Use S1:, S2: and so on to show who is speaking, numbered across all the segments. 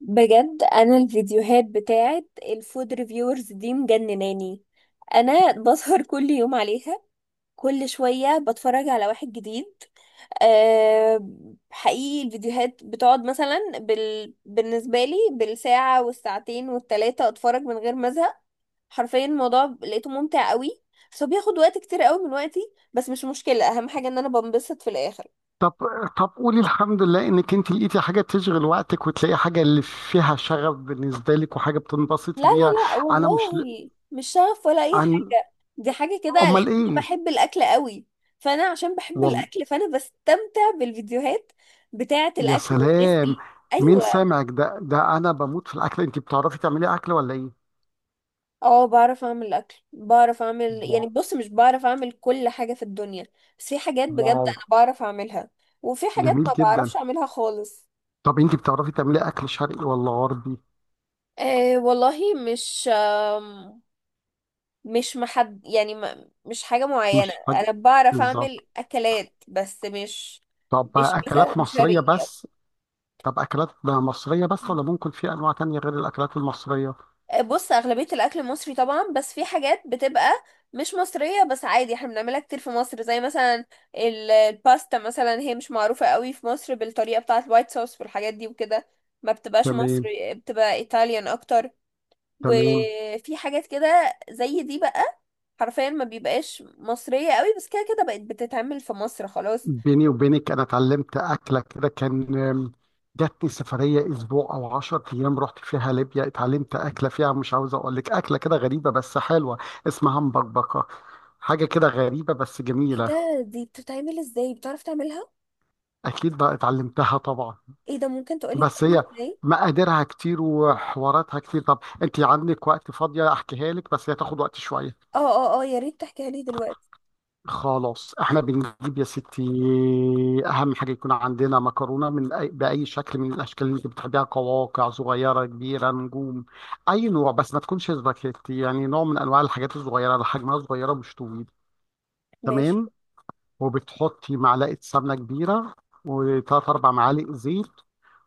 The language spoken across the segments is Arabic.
S1: بجد انا الفيديوهات بتاعت الفود ريفيورز دي مجنناني. انا بسهر كل يوم عليها. كل شوية بتفرج على واحد جديد. أه. حقيقي الفيديوهات بتقعد مثلا بالنسبة لي بالساعة والساعتين والتلاتة اتفرج من غير ما ازهق. حرفيا الموضوع لقيته ممتع قوي، بس هو بياخد وقت كتير قوي من وقتي. بس مش مشكلة، اهم حاجة ان انا بنبسط في الاخر.
S2: طب طب قولي الحمد لله انك انت لقيتي حاجه تشغل وقتك وتلاقي حاجه اللي فيها شغف بالنسبه لك وحاجه
S1: لا،
S2: بتنبسطي بيها.
S1: لا، لا،
S2: انا مش ل-
S1: والله مش شغف ولا اي
S2: عن
S1: حاجه، دي حاجه كده
S2: امال
S1: لان انا
S2: ايه؟
S1: بحب الاكل قوي. فانا عشان بحب
S2: والله.
S1: الاكل فانا بستمتع بالفيديوهات بتاعه
S2: يا
S1: الاكل والناس
S2: سلام،
S1: اللي.
S2: مين
S1: ايوه.
S2: سامعك؟ ده ده انا بموت في الاكل، انت بتعرفي تعملي اكل ولا ايه؟
S1: اه، بعرف اعمل اكل، بعرف اعمل يعني
S2: واو.
S1: بص مش بعرف اعمل كل حاجه في الدنيا، بس في حاجات بجد
S2: واو.
S1: انا بعرف اعملها، وفي حاجات
S2: جميل
S1: ما
S2: جدا.
S1: بعرفش اعملها خالص.
S2: طب انت بتعرفي تعملي اكل شرقي ولا غربي؟
S1: آه والله مش آه. مش محد يعني ما... مش حاجة معينة،
S2: مش حاجه.
S1: انا بعرف
S2: بالظبط.
S1: اعمل اكلات بس مش،
S2: طب
S1: مش مثلا
S2: اكلات مصريه
S1: شرقية.
S2: بس؟ طب اكلات مصريه بس ولا ممكن في انواع تانية غير الاكلات المصريه؟
S1: بص اغلبية الاكل المصري طبعا، بس في حاجات بتبقى مش مصرية بس عادي احنا بنعملها كتير في مصر، زي مثلا الباستا، مثلا هي مش معروفة قوي في مصر بالطريقة بتاعة الوايت صوص والحاجات دي وكده. ما بتبقاش
S2: تمام.
S1: مصري، بتبقى ايطاليان اكتر.
S2: تمام.
S1: وفي حاجات كده زي دي بقى حرفيا ما بيبقاش مصرية قوي، بس كده كده بقت بتتعمل في مصر خلاص.
S2: بيني وبينك انا اتعلمت اكله كده كان جاتني سفريه اسبوع او 10 ايام رحت فيها ليبيا، اتعلمت اكله فيها، مش عاوز اقول لك اكله كده غريبه بس حلوه. اسمها مبكبكه، حاجه كده غريبه بس
S1: ايه
S2: جميله.
S1: ده؟ دي بتتعمل ازاي؟ بتعرف تعملها؟
S2: اكيد بقى اتعلمتها طبعا،
S1: ايه ده؟ ممكن تقولي
S2: بس
S1: بتعمل
S2: هي
S1: ازاي؟
S2: مقاديرها كتير وحواراتها كتير. طب انت عندك وقت فاضيه احكيها لك، بس هي تاخد وقت شويه.
S1: اه، اه، اه، يا ريت تحكيها لي دلوقتي.
S2: خلاص، احنا بنجيب يا ستي. اهم حاجه يكون عندنا مكرونه من أي باي شكل من الاشكال اللي انت بتحبيها، قواقع صغيره كبيره نجوم، اي نوع بس ما تكونش سباكيتي، يعني نوع من انواع الحاجات الصغيره اللي حجمها صغيره مش طويل.
S1: ماشي.
S2: تمام. وبتحطي معلقه سمنه كبيره وثلاث اربع معالق زيت،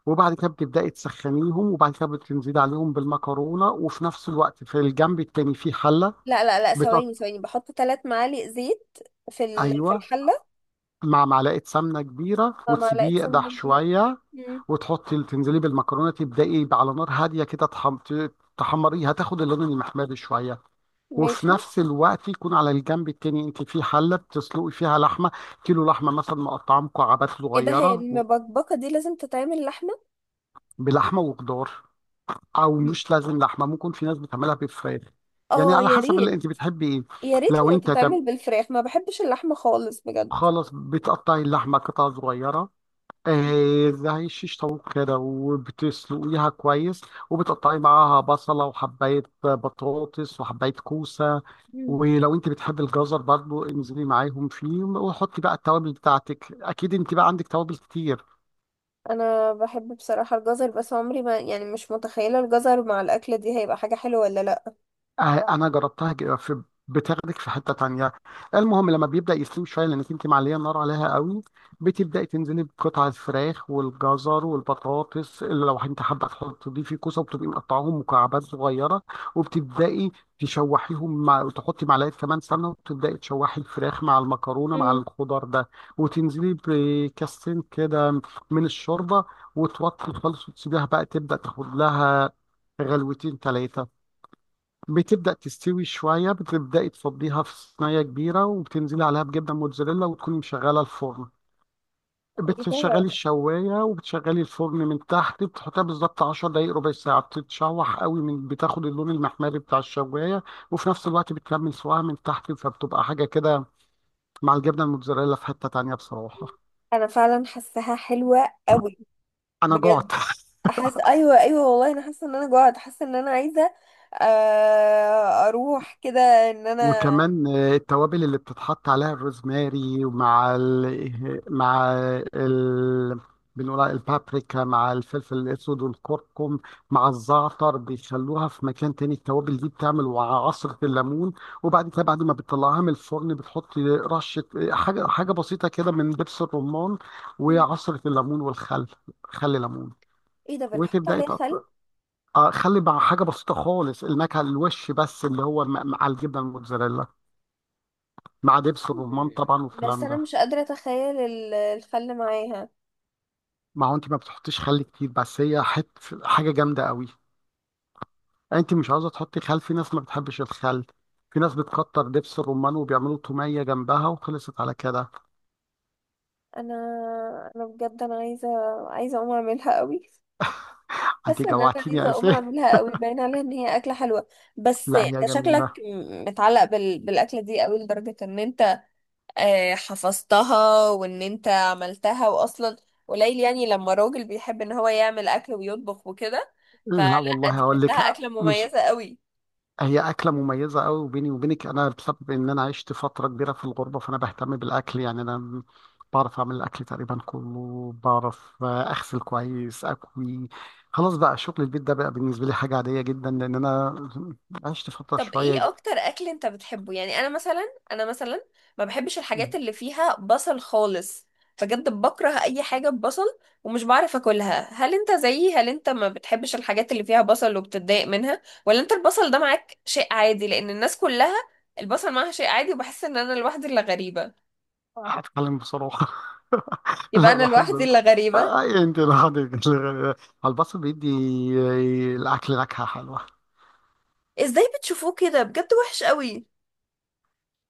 S2: وبعد كده بتبداي تسخنيهم، وبعد كده بتنزلي عليهم بالمكرونه، وفي نفس الوقت في الجنب التاني في حله.
S1: لا، لا، لا،
S2: بتقط...
S1: ثواني ثواني، بحط 3 معالق زيت في
S2: ايوه،
S1: الحله؟
S2: مع معلقه سمنه كبيره
S1: مع معلقه
S2: وتسيبيه
S1: سمنه
S2: يقدح
S1: دي؟
S2: شويه.
S1: مم.
S2: وتحطي تنزلي بالمكرونه، تبداي على نار هاديه كده، تحمريها تاخد اللون المحمر شويه. وفي
S1: ماشي.
S2: نفس الوقت يكون على الجنب التاني انت في حله بتسلقي فيها لحمه، كيلو لحمه مثلا مقطعه مكعبات
S1: ايه ده؟ هي
S2: صغيره
S1: المبكبكه دي لازم تتعمل لحمه؟
S2: بلحمه وخضار، او
S1: مم.
S2: مش لازم لحمه، ممكن في ناس بتعملها بفراخ، يعني
S1: اه،
S2: على
S1: يا
S2: حسب اللي
S1: ريت.
S2: انت بتحبي ايه.
S1: يا ريت
S2: لو
S1: لو
S2: انت تم-
S1: تتعمل بالفراخ، ما بحبش اللحمه خالص بجد.
S2: خلاص، بتقطعي اللحمه قطع صغيره، زي شيش طاووق كده، وبتسلقيها كويس، وبتقطعي معاها بصلة وحباية بطاطس وحباية كوسة.
S1: مم.
S2: ولو انت بتحبي الجزر برضو انزلي معاهم فيه، وحطي بقى التوابل بتاعتك، اكيد انت بقى عندك توابل كتير.
S1: انا بحب بصراحه الجزر، بس عمري ما يعني، مش متخيله الجزر مع الاكله دي هيبقى حاجه حلوه ولا لا.
S2: آه، انا جربتها ج- في بتاخدك في حته تانية. المهم لما بيبدا يستوي شويه، لانك انت معليه النار عليها قوي، بتبداي تنزلي بقطع الفراخ والجزر والبطاطس، اللي لو انت حابه تحطي فيه كوسه، وبتبقي مقطعاهم مكعبات صغيره، وبتبداي تشوحيهم مع، وتحطي معلقه كمان سمنه، وتبداي تشوحي الفراخ مع المكرونه مع
S1: مم.
S2: الخضار ده. وتنزلي بكاستين كده من الشوربه، وتوطي خالص وتسيبيها بقى تبدا تاخد لها غلوتين ثلاثه. بتبدأ تستوي شوية، بتبدأي تفضيها في صينية كبيرة وبتنزلي عليها بجبنة موتزاريلا، وتكوني مشغلة الفرن.
S1: ايه ده؟
S2: بتشغلي الشواية وبتشغلي الفرن من تحت، بتحطها بالظبط 10 دقايق ربع ساعة، بتتشوح قوي من بتاخد اللون المحمري بتاع الشواية، وفي نفس الوقت بتكمل سواها من تحت، فبتبقى حاجة كده مع الجبنة الموتزاريلا في حتة تانية بصراحة.
S1: انا فعلا حاساها حلوه قوي.
S2: أنا جعت.
S1: بجد. احس، ايوه، ايوه، والله انا حاسه ان انا جوعت، حاسه ان انا عايزه اروح كده، ان انا.
S2: وكمان التوابل اللي بتتحط عليها الروزماري ومع ال... بنقول عليها البابريكا مع الفلفل الاسود والكركم مع الزعتر، بيخلوها في مكان تاني. التوابل دي بتعمل مع عصرة الليمون، وبعد كده بعد ما بتطلعها من الفرن بتحط رشة حاجة حاجة بسيطة كده من دبس الرمان
S1: مم.
S2: وعصرة الليمون والخل. خل ليمون.
S1: ايه ده؟ بنحط
S2: وتبدأي
S1: عليها خل؟
S2: تقط- خلي مع حاجة بسيطة خالص، النكهة الوش بس، اللي هو مع مع الجبنة الموتزاريلا مع دبس الرمان
S1: مم.
S2: طبعا
S1: بس
S2: والكلام
S1: انا
S2: ده.
S1: مش قادره اتخيل الخل معاها.
S2: ما هو انت ما بتحطيش خل كتير، بس هي حت حاجه جامده قوي. انت مش عاوزه تحطي خل، في ناس ما بتحبش الخل، في ناس بتكتر دبس الرمان وبيعملوا توميه جنبها، وخلصت على كده.
S1: انا انا بجد انا عايزه، عايزه اقوم اعملها قوي.
S2: انت
S1: حاسه ان انا
S2: جوعتيني يا
S1: عايزه اقوم
S2: اسف.
S1: اعملها قوي، باين عليها ان هي اكله حلوه. بس
S2: لا
S1: انت
S2: هي
S1: شكلك
S2: جميله.
S1: متعلق بالاكله دي قوي لدرجه ان انت حفظتها، وان انت عملتها، واصلا قليل يعني لما راجل بيحب ان هو يعمل اكل ويطبخ وكده،
S2: لا
S1: فلا،
S2: والله
S1: دي
S2: هقول
S1: شكلها
S2: لك،
S1: اكله
S2: مش
S1: مميزه قوي.
S2: هي أكلة مميزة قوي. وبيني وبينك أنا بسبب إن أنا عشت فترة كبيرة في الغربة فأنا بهتم بالأكل، يعني أنا بعرف أعمل الأكل تقريبا كله، بعرف أغسل كويس أكوي، خلاص بقى شغل البيت ده بقى بالنسبة لي حاجة عادية جدا لأن أنا عشت فترة
S1: طب
S2: شوية.
S1: ايه اكتر اكل انت بتحبه؟ يعني انا مثلا ما بحبش الحاجات اللي فيها بصل خالص، بجد بكره اي حاجه ببصل، ومش بعرف اكلها. هل انت زيي؟ هل انت ما بتحبش الحاجات اللي فيها بصل وبتتضايق منها؟ ولا انت البصل ده معاك شيء عادي، لان الناس كلها البصل معاها شيء عادي، وبحس ان انا الوحيده اللي غريبه.
S2: هتكلم بصراحة.
S1: يبقى
S2: لا
S1: انا
S2: بحب
S1: لوحدي
S2: ده.
S1: اللي غريبة؟
S2: أنت لوحدك. على البصل بيدي الأكل نكهة حلوة.
S1: ازاي بتشوفوه كده؟ بجد وحش قوي.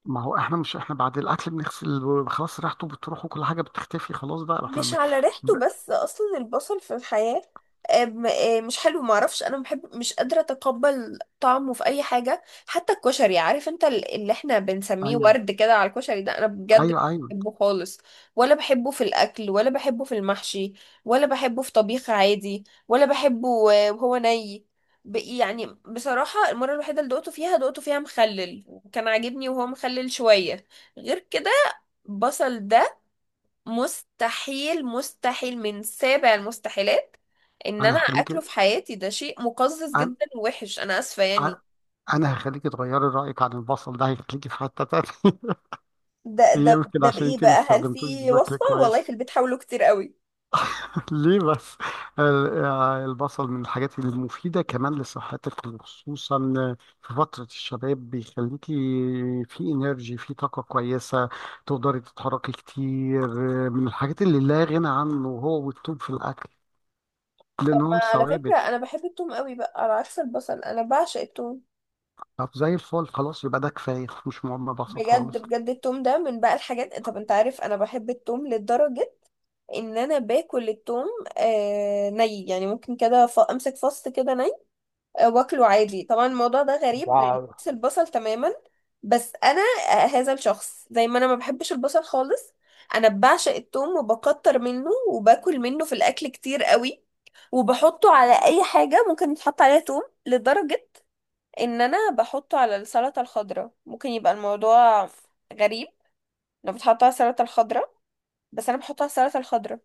S2: ما هو احنا مش، احنا بعد الاكل بنغسل خلاص ريحته بتروح وكل حاجه بتختفي خلاص بقى احنا
S1: مش على
S2: ب...
S1: ريحته، بس اصلا البصل في الحياة مش حلو، معرفش، انا بحب، مش قادرة اتقبل طعمه في اي حاجة، حتى الكشري، عارف انت اللي احنا بنسميه
S2: ايوه.
S1: ورد كده على الكشري ده، انا بجد
S2: ايوه.
S1: مش
S2: ايوه.
S1: بحبه خالص، ولا بحبه في الاكل، ولا بحبه في المحشي، ولا بحبه في طبيخ عادي، ولا بحبه وهو ني، يعني بصراحة المرة الوحيدة اللي دقته فيها، دقته فيها مخلل، وكان عاجبني وهو مخلل شوية. غير كده البصل ده مستحيل، مستحيل من سابع المستحيلات ان
S2: انا
S1: انا
S2: هخليك
S1: اكله في حياتي، ده شيء مقزز جدا ووحش، انا اسفه يعني.
S2: انا انا هخليك تغيري رايك عن البصل ده، هيخليكي في حته تانيه.
S1: ده ده
S2: يمكن
S1: ده
S2: عشان
S1: بايه
S2: انت ما
S1: بقى؟ هل
S2: استخدمتوش
S1: في
S2: بشكل
S1: وصفة؟ والله
S2: كويس.
S1: في البيت حاولوا كتير قوي.
S2: ليه بس؟ البصل من الحاجات المفيدة كمان لصحتك، وخصوصا في فترة الشباب بيخليكي في انرجي، في طاقة كويسة تقدري تتحركي كتير. من الحاجات اللي لا غنى عنه هو والثوم في الأكل،
S1: طب، ما
S2: لأنهم
S1: على فكره
S2: ثوابت.
S1: انا بحب التوم قوي، بقى على عكس البصل انا بعشق التوم.
S2: طب زي الفل، خلاص يبقى ده كفاية، مش مهم بصل
S1: بجد
S2: خالص.
S1: بجد التوم ده من بقى الحاجات، طب انت عارف انا بحب التوم لدرجة ان انا باكل التوم آه ني، يعني ممكن كده امسك فص كده ني، واكله عادي. طبعا الموضوع ده غريب لان
S2: واو.
S1: بحس البصل تماما، بس انا، هذا الشخص، زي ما انا ما بحبش البصل خالص، انا بعشق التوم وبكتر منه وباكل منه في الاكل كتير قوي، وبحطه على اي حاجة ممكن يتحط عليها توم، لدرجة ان انا بحطه على السلطة الخضراء، ممكن يبقى الموضوع غريب لو بتحطه على السلطة الخضراء، بس انا بحطه على السلطة الخضراء.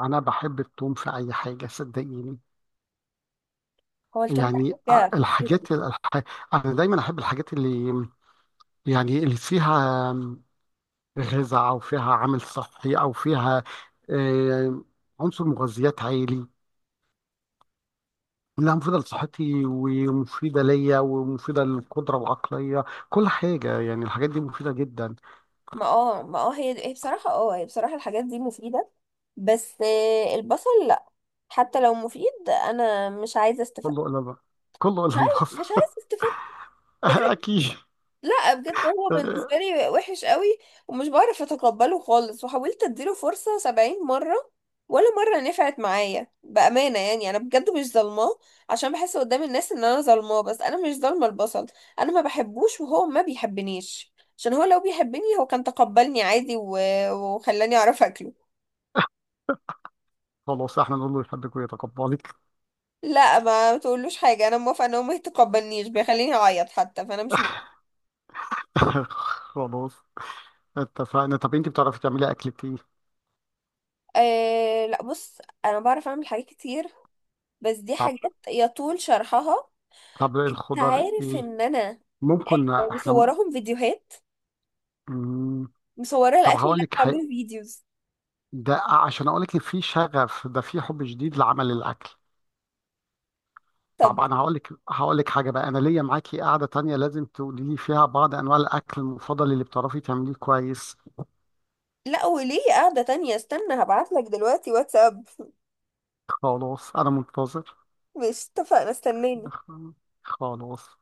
S2: انا بحب التوم في اي حاجه صدقيني،
S1: هو التوم ده
S2: يعني
S1: حاجة خطيرة.
S2: انا دايما احب الحاجات اللي، يعني اللي فيها غذاء او فيها عامل صحي او فيها آه، عنصر مغذيات عالي، لها مفيدة لصحتي ومفيدة ليا ومفيدة للقدرة العقلية كل حاجة، يعني الحاجات دي مفيدة جدا.
S1: ما اه ما اه هي بصراحة، الحاجات دي مفيدة، بس البصل لا، حتى لو مفيد انا مش عايزه استفاد.
S2: كله إلا، كله
S1: مش
S2: إلا
S1: عايزه مش
S2: البصل.
S1: عايزه استفاد، بجد.
S2: أكيد.
S1: لا بجد، هو بالنسبه لي وحش قوي، ومش بعرف اتقبله خالص، وحاولت اديله فرصه 70 مره، ولا مره نفعت معايا بامانه يعني، انا بجد مش ظالماه، عشان بحس قدام الناس ان انا ظالماه، بس انا مش ظالمه البصل، انا ما بحبوش وهو ما بيحبنيش، عشان هو لو بيحبني هو كان تقبلني عادي، وخلاني اعرف اكله.
S2: خلاص احنا نقول له يحبك ويتقبلك.
S1: لا، ما تقولوش حاجة، انا موافقة ان هو ما يتقبلنيش بيخليني اعيط، حتى فانا مش موافقة.
S2: خلاص، اتفقنا. طب انت بتعرفي تعملي أكلة ايه؟
S1: أه، لا، بص انا بعرف اعمل حاجات كتير، بس دي
S2: طب
S1: حاجات يطول شرحها.
S2: طب
S1: انت
S2: الخضار
S1: عارف
S2: ايه؟
S1: ان انا
S2: ممكن احنا.
S1: مصوراهم فيديوهات،
S2: مم.
S1: مصورة
S2: طب
S1: الاكل اللي
S2: هقول لك،
S1: انا بعمله فيديوز.
S2: ده عشان اقول لك ان في شغف، ده في حب شديد لعمل الاكل. طب
S1: طب،
S2: انا هقول لك، حاجه بقى، انا ليا معاكي قاعده تانية لازم تقولي لي فيها بعض انواع الاكل المفضل اللي بتعرفي تعمليه كويس.
S1: لا وليه قاعدة تانية؟ استنى هبعتلك دلوقتي واتساب.
S2: خلاص انا منتظر.
S1: مش اتفقنا؟ استناني.
S2: خلاص.